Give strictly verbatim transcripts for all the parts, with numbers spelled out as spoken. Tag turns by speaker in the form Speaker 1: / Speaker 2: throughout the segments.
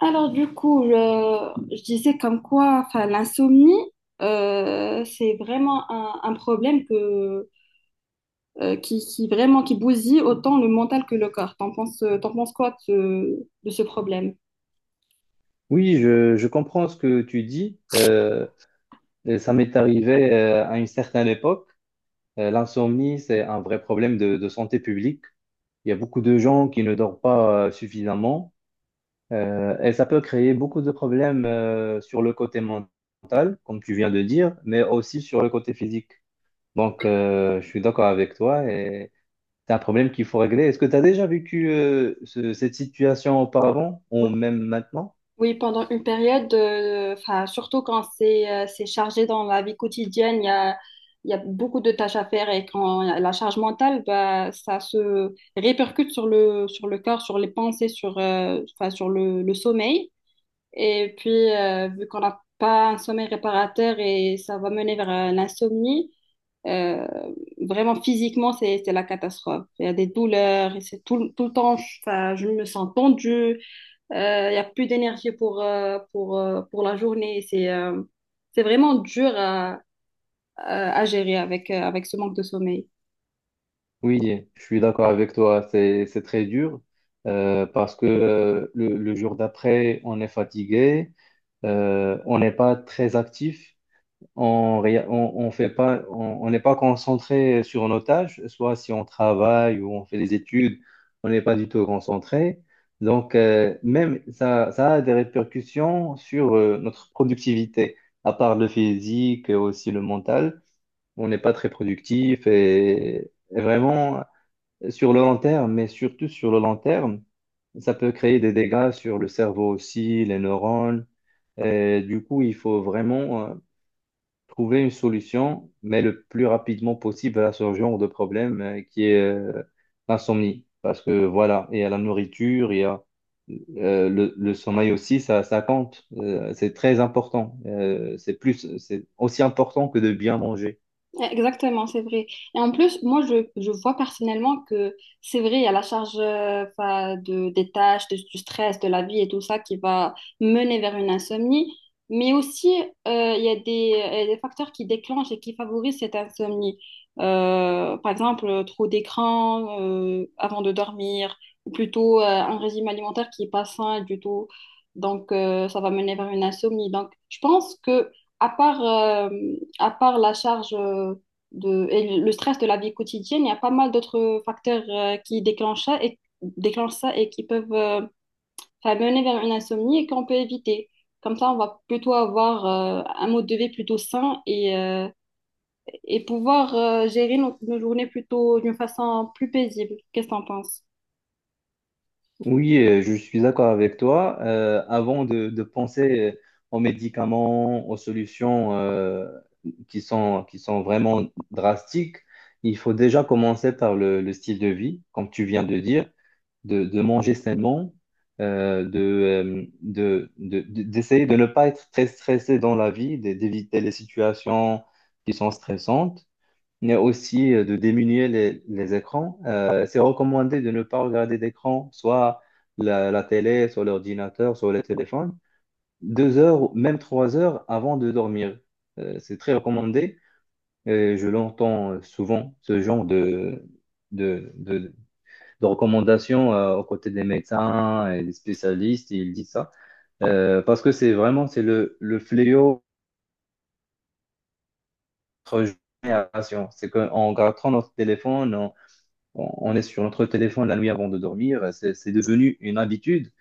Speaker 1: Alors du coup, je, je disais comme quoi, enfin, l'insomnie, euh, c'est vraiment un, un problème que, euh, qui, qui vraiment qui bousille autant le mental que le corps. T'en penses, t'en penses quoi de, ce de ce problème?
Speaker 2: Oui, je, je comprends ce que tu dis. Euh, ça m'est arrivé euh, à une certaine époque. Euh, l'insomnie, c'est un vrai problème de, de santé publique. Il y a beaucoup de gens qui ne dorment pas euh, suffisamment euh, et ça peut créer beaucoup de problèmes euh, sur le côté mental, comme tu viens de dire, mais aussi sur le côté physique. Donc, euh, je suis d'accord avec toi et c'est un problème qu'il faut régler. Est-ce que tu as déjà vécu euh, ce- cette situation auparavant
Speaker 1: Oui,
Speaker 2: ou même maintenant?
Speaker 1: oui, pendant une période, euh, enfin, surtout quand c'est euh, c'est chargé dans la vie quotidienne, il y a, il y a beaucoup de tâches à faire et quand il y a la charge mentale, bah, ça se répercute sur le, sur le corps, sur les pensées, sur, euh, enfin, sur le le sommeil. Et puis, euh, vu qu'on n'a pas un sommeil réparateur et ça va mener vers euh, l'insomnie, euh, vraiment physiquement, c'est, c'est la catastrophe. Il y a des douleurs, et c'est tout, tout le temps, ça- je me sens tendue, euh, il y a plus d'énergie pour, euh, pour, euh, pour la journée. C'est euh, c'est vraiment dur à, à, à gérer avec, euh, avec ce manque de sommeil.
Speaker 2: Oui, je suis d'accord avec toi, c'est c'est très dur euh, parce que euh, le, le jour d'après, on est fatigué, euh, on n'est pas très actif, on ré- on, on fait pas, on on n'est pas concentré sur nos tâches, soit si on travaille ou on fait des études, on n'est pas du tout concentré. Donc euh, même ça, ça a des répercussions sur euh, notre productivité, à part le physique, aussi le mental, on n'est pas très productif et et vraiment sur le long terme, mais surtout sur le long terme, ça peut créer des dégâts sur le cerveau aussi, les neurones. Et du coup, il faut vraiment euh, trouver une solution, mais le plus rapidement possible à ce genre de problème euh, qui est euh, l'insomnie. Parce que voilà, il y a la nourriture, il y a euh, le, le sommeil aussi, ça, ça compte. Euh, c'est très important. Euh, c'est plus, c'est aussi important que de bien manger.
Speaker 1: Exactement, c'est vrai. Et en plus, moi, je, je vois personnellement que c'est vrai, il y a la charge euh, 'fin, de, des tâches, de- du stress, de la vie et tout ça qui va mener vers une insomnie. Mais aussi, euh, il y a des, il y a des facteurs qui déclenchent et qui favorisent cette insomnie. Euh, par exemple, euh, trop d'écran euh, avant de dormir, ou plutôt euh, un régime alimentaire qui n'est pas sain du tout. Donc, euh, ça va mener vers une insomnie. Donc, je pense que à part euh, à part la charge euh, de, et le stress de la vie quotidienne, il y a pas mal d'autres facteurs euh, qui déclenchent ça et, déclenchent ça et qui peuvent euh, enfin, mener vers une insomnie et qu'on peut éviter. Comme ça, on va plutôt avoir euh, un mode de vie plutôt sain et, euh, et pouvoir euh, gérer nos, nos journées plutôt d'une façon plus paisible. Qu'est-ce que t'en penses?
Speaker 2: Oui, euh, je suis d'accord avec toi. Euh, avant de, de penser euh, aux médicaments, aux solutions euh, qui sont, qui sont vraiment drastiques, il faut déjà commencer par le, le style de vie, comme tu viens de dire, de, de manger sainement, euh, de, euh, de, de- de- d'essayer de ne pas être très stressé dans la vie, d'é- d'éviter les situations qui sont stressantes mais aussi euh, de diminuer les, les écrans. Euh, c'est recommandé de ne pas regarder d'écran, soit la, la télé, soit l'ordinateur, soit le téléphone, deux heures, même trois heures avant de dormir. Euh, c'est très recommandé. Et je l'entends euh, souvent, ce genre de, de, de, de recommandations euh, aux côtés des médecins et des spécialistes, ils disent ça. Euh, parce que c'est vraiment, c'est le, le fléau de notre génération. C'est qu'en regardant notre téléphone, on on est sur notre téléphone la nuit avant de dormir, c'est c'est devenu une habitude,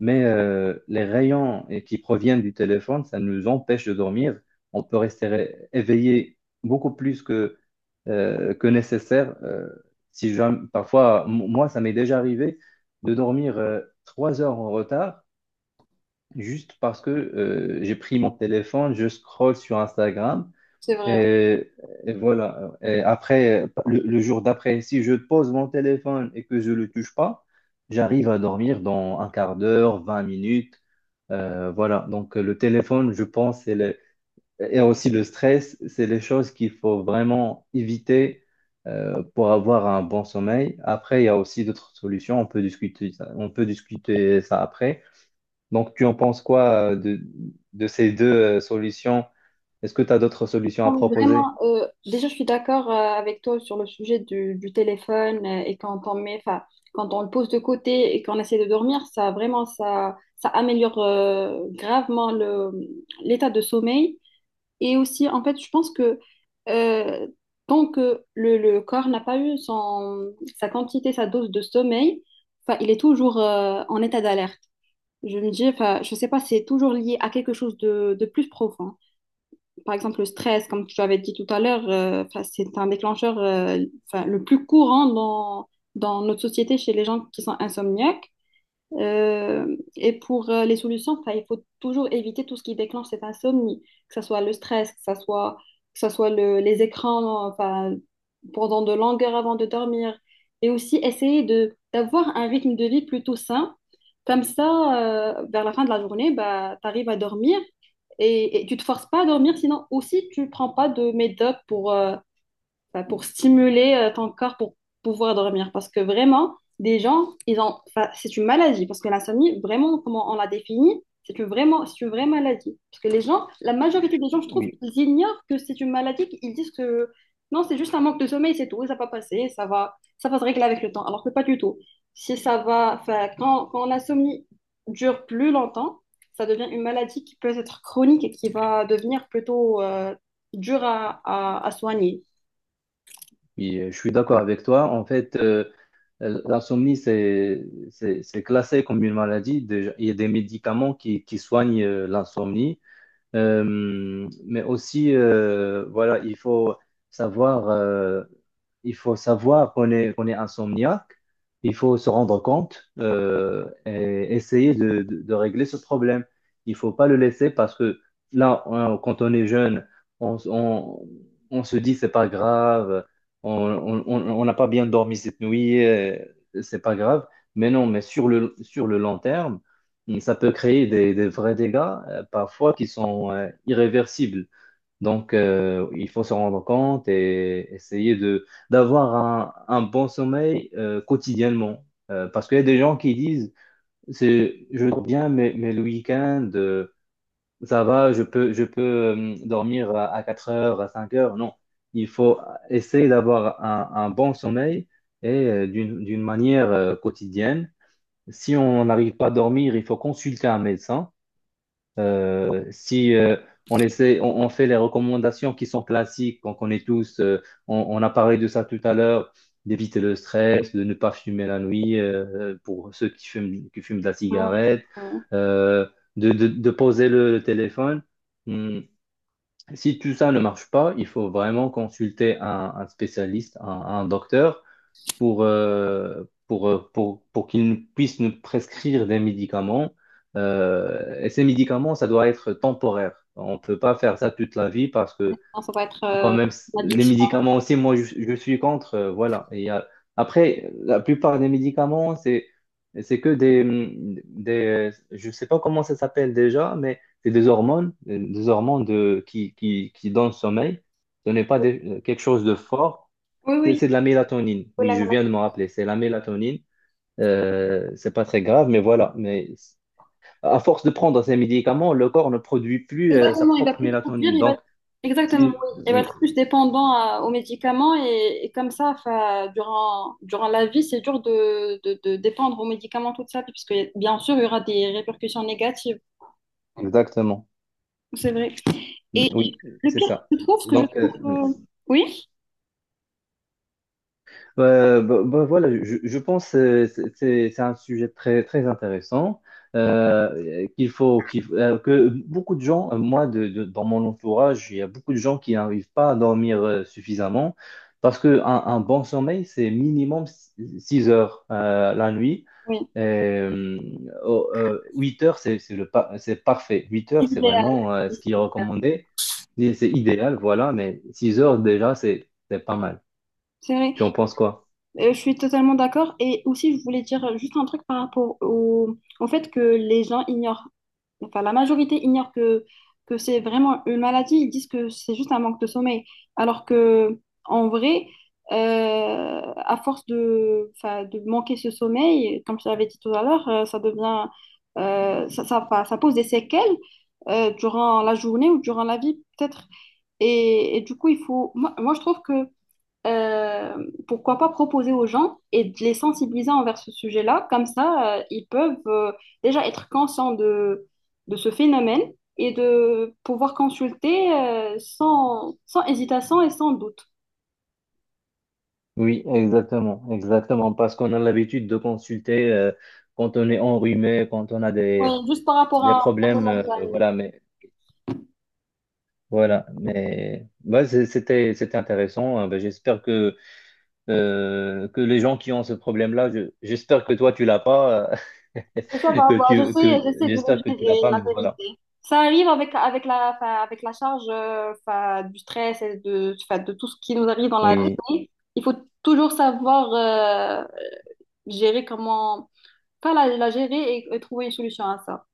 Speaker 2: mais euh, les rayons eh, qui proviennent du téléphone, ça nous empêche de dormir. On peut rester ré- éveillé beaucoup plus que, euh, que nécessaire. Euh, si jamais- Parfois, m- moi, ça m'est déjà arrivé de dormir euh, trois heures en retard juste parce que euh, j'ai pris mon téléphone, je scrolle sur Instagram.
Speaker 1: C'est vrai.
Speaker 2: Et, et voilà. Et après, le, le jour d'après, si je pose mon téléphone et que je ne le touche pas, j'arrive à dormir dans un quart d'heure, vingt minutes. Euh, voilà. Donc, le téléphone, je pense, c'est le- et aussi le stress, c'est les choses qu'il faut vraiment éviter euh, pour avoir un bon sommeil. Après, il y a aussi d'autres solutions. On peut discuter ça, on peut discuter ça après. Donc, tu en penses quoi euh, de, de ces deux euh, solutions? Est-ce que tu as d'autres solutions à
Speaker 1: Non, mais
Speaker 2: proposer?
Speaker 1: vraiment, euh, déjà, je suis d'accord euh, avec toi sur le sujet du, du téléphone euh, et quand on met, enfin, quand on le pose de côté et qu'on essaie de dormir, ça vraiment, ça, ça améliore euh, gravement le, l'état de sommeil. Et aussi, en fait, je pense que euh, tant que le, le corps n'a pas eu son, sa quantité, sa dose de sommeil, enfin, il est toujours euh, en état d'alerte. Je me dis, enfin, je sais pas, c'est toujours lié à quelque chose de de plus profond par exemple, le stress, comme tu avais dit tout à l'heure, euh, 'fin, c'est un déclencheur euh, 'fin, le plus courant dans, dans notre société chez les gens qui sont insomniaques. Euh, et pour euh, les solutions, enfin, il faut toujours éviter tout ce qui déclenche cette insomnie, que ce soit le stress, que ce soit, que ce soit le- les écrans enfin, pendant de longues heures avant de dormir. Et aussi essayer de, d'avoir un rythme de vie plutôt sain. Comme ça, euh, vers la fin de la journée, bah, tu arrives à dormir et, et tu te forces pas à dormir, sinon aussi tu prends pas de médoc pour, euh, enfin, pour stimuler euh, ton corps pour pouvoir dormir. Parce que vraiment, des gens, ils ont, enfin, c'est une maladie. Parce que l'insomnie, vraiment, comment on la définit, c'est une, vraiment, c'est une vraie maladie. Parce que les gens, la majorité des gens, je trouve,
Speaker 2: Oui.
Speaker 1: ils ignorent que c'est une maladie. Ils disent que non, c'est juste un manque de sommeil, c'est tout, ça va passer, ça va, ça va se régler avec le temps. Alors que pas du tout. Si ça va, enfin, quand, quand l'insomnie dure plus longtemps, ça devient une maladie qui peut être chronique et qui va devenir plutôt euh, dure à, à, à soigner.
Speaker 2: Oui, euh, je suis d'accord avec toi. En fait, euh, euh, l'insomnie, c'est, c'est, c'est classé comme une maladie. Déjà, il y a des médicaments qui, qui soignent euh, l'insomnie. Euh, mais aussi, euh, voilà, il faut savoir, euh, il faut savoir qu'on est, qu'on est insomniaque. Il faut se rendre compte euh, et essayer de, de- de régler ce problème. Il faut pas le laisser parce que là, on- quand on est jeune, on, on, on se dit c'est pas grave, on on- on- on n'a pas bien dormi cette nuit, euh, c'est pas grave. Mais non, mais sur le, sur le long terme. Et ça peut créer des, des vrais dégâts, euh, parfois qui sont euh, irréversibles. Donc, euh, il faut se rendre compte et essayer de d'avoir un, un bon sommeil euh, quotidiennement. Euh, parce qu'il y a des gens qui disent, c'est, je dors bien, mais, mais le week-end, euh, ça va, je peux, je peux euh, dormir à, à quatre heures, à cinq heures. Non, il faut essayer d'avoir un, un bon sommeil et euh, d'une, d'une manière euh, quotidienne. Si on n'arrive pas à dormir, il faut consulter un médecin euh, si euh, on essaie, on, on fait les recommandations qui sont classiques, qu'on connaît tous, euh, on, on a parlé de ça tout à l'heure, d'éviter le stress, de ne pas fumer la nuit euh, pour ceux qui fument, qui fument de la
Speaker 1: Non,
Speaker 2: cigarette,
Speaker 1: non,
Speaker 2: euh, de, de- de poser le, le téléphone. Hum, Si tout ça ne marche pas, il faut vraiment consulter un, un spécialiste, un, un docteur pour, euh, pour, euh, pour, pour qu'ils nous- puissent nous prescrire des médicaments. Euh, et ces médicaments, ça doit être temporaire. On ne peut pas faire ça toute la vie parce que
Speaker 1: non, ça va être
Speaker 2: quand
Speaker 1: euh,
Speaker 2: même, c-
Speaker 1: une
Speaker 2: les
Speaker 1: addiction.
Speaker 2: médicaments aussi, moi, je, je suis contre. Euh, voilà. Et il y a- après, la plupart des médicaments, c'est, c'est que des, des, je sais pas comment ça s'appelle déjà, mais c'est des hormones, euh, des hormones de, qui, qui, qui donnent le sommeil. Ce n'est pas des- quelque chose de fort.
Speaker 1: Oui,
Speaker 2: C'est
Speaker 1: oui,
Speaker 2: c'est de la mélatonine.
Speaker 1: oui,
Speaker 2: Oui, je
Speaker 1: maintenant.
Speaker 2: viens de me rappeler. C'est la mélatonine. Euh, c'est pas très grave, mais voilà. Mais à force de prendre ces médicaments, le corps ne produit plus euh, sa
Speaker 1: Exactement, il va
Speaker 2: propre
Speaker 1: plus conduire,
Speaker 2: mélatonine.
Speaker 1: il va
Speaker 2: Donc,
Speaker 1: Exactement,
Speaker 2: si-
Speaker 1: oui. Il va
Speaker 2: oui,
Speaker 1: être plus dépendant à- aux médicaments et, et comme ça, enfin, durant, durant la vie, c'est dur de, de, de dépendre aux médicaments toute sa vie, parce que bien sûr, il y aura des répercussions négatives.
Speaker 2: exactement.
Speaker 1: C'est vrai. Et
Speaker 2: Oui,
Speaker 1: le
Speaker 2: c'est
Speaker 1: pire,
Speaker 2: ça.
Speaker 1: je trouve, ce que je
Speaker 2: Donc,
Speaker 1: trouve...
Speaker 2: euh, oui.
Speaker 1: euh, oui,
Speaker 2: Bah, bah, bah, voilà, je, je pense que c'est c'est- c'est un sujet très, très intéressant euh, qu'il faut, qu'il faut- euh, que beaucoup de gens, euh, moi de, de- dans mon entourage, il y a beaucoup de gens qui n'arrivent pas à dormir euh, suffisamment parce que un, un bon sommeil, c'est minimum six heures euh, la nuit.
Speaker 1: oui.
Speaker 2: Et, euh, oh, euh, huit heures, c'est c'est le pa- c'est parfait. Huit heures, c'est
Speaker 1: Idéal.
Speaker 2: vraiment euh, ce qui est recommandé. C'est c'est idéal, voilà, mais six heures déjà, c'est c'est pas mal.
Speaker 1: C'est vrai.
Speaker 2: Tu en penses quoi?
Speaker 1: Euh, je suis totalement d'accord. Et aussi, je voulais dire juste un truc par rapport au, au fait que les gens ignorent, enfin la majorité ignore que, que c'est vraiment une maladie. Ils disent que c'est juste un manque de sommeil. Alors que en vrai, euh, à force de, enfin, de manquer ce sommeil, comme je l'avais dit tout à l'heure, euh, ça devient, euh, ça, ça, enfin, ça pose des séquelles euh, durant la journée ou durant la vie, peut-être. Et, et du coup, il faut, moi, moi, je trouve que euh, pourquoi pas proposer aux gens et de les sensibiliser envers ce sujet-là. Comme ça, euh, ils peuvent euh, déjà être conscients de, de ce phénomène et de pouvoir consulter euh, sans, sans hésitation et sans doute.
Speaker 2: Oui, exactement, exactement, parce qu'on a l'habitude de consulter euh, quand on est enrhumé, quand on a
Speaker 1: Oui,
Speaker 2: des,
Speaker 1: juste par rapport
Speaker 2: des
Speaker 1: à à mon
Speaker 2: problèmes, euh,
Speaker 1: organe.
Speaker 2: voilà, mais voilà, mais bah, c'est- c'était c'était intéressant. Hein. Bah, j'espère que euh, que les gens qui ont ce problème-là, je- j'espère que toi tu l'as pas, euh,
Speaker 1: Ça va,
Speaker 2: que
Speaker 1: bah, je
Speaker 2: tu que
Speaker 1: sais, j'essaie de le
Speaker 2: j'espère que tu l'as
Speaker 1: gérer,
Speaker 2: pas,
Speaker 1: la
Speaker 2: mais voilà,
Speaker 1: vérité. Ça arrive avec, avec la, enfin, avec la charge euh, enfin, du stress et de, enfin, de tout ce qui nous arrive dans la
Speaker 2: oui.
Speaker 1: vie. Il faut toujours savoir euh, gérer comment pas la, la gérer et, et trouver une solution à ça.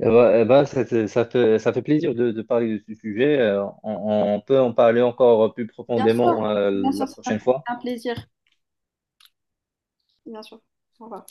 Speaker 2: Eh ben, eh ben, ça, ça- ça fait, ça fait plaisir de, de parler de ce sujet. Euh, on, on peut en parler encore plus
Speaker 1: Bien
Speaker 2: profondément
Speaker 1: sûr,
Speaker 2: euh,
Speaker 1: bien sûr,
Speaker 2: la
Speaker 1: c'est un,
Speaker 2: prochaine fois.
Speaker 1: un plaisir. Bien sûr. Au revoir.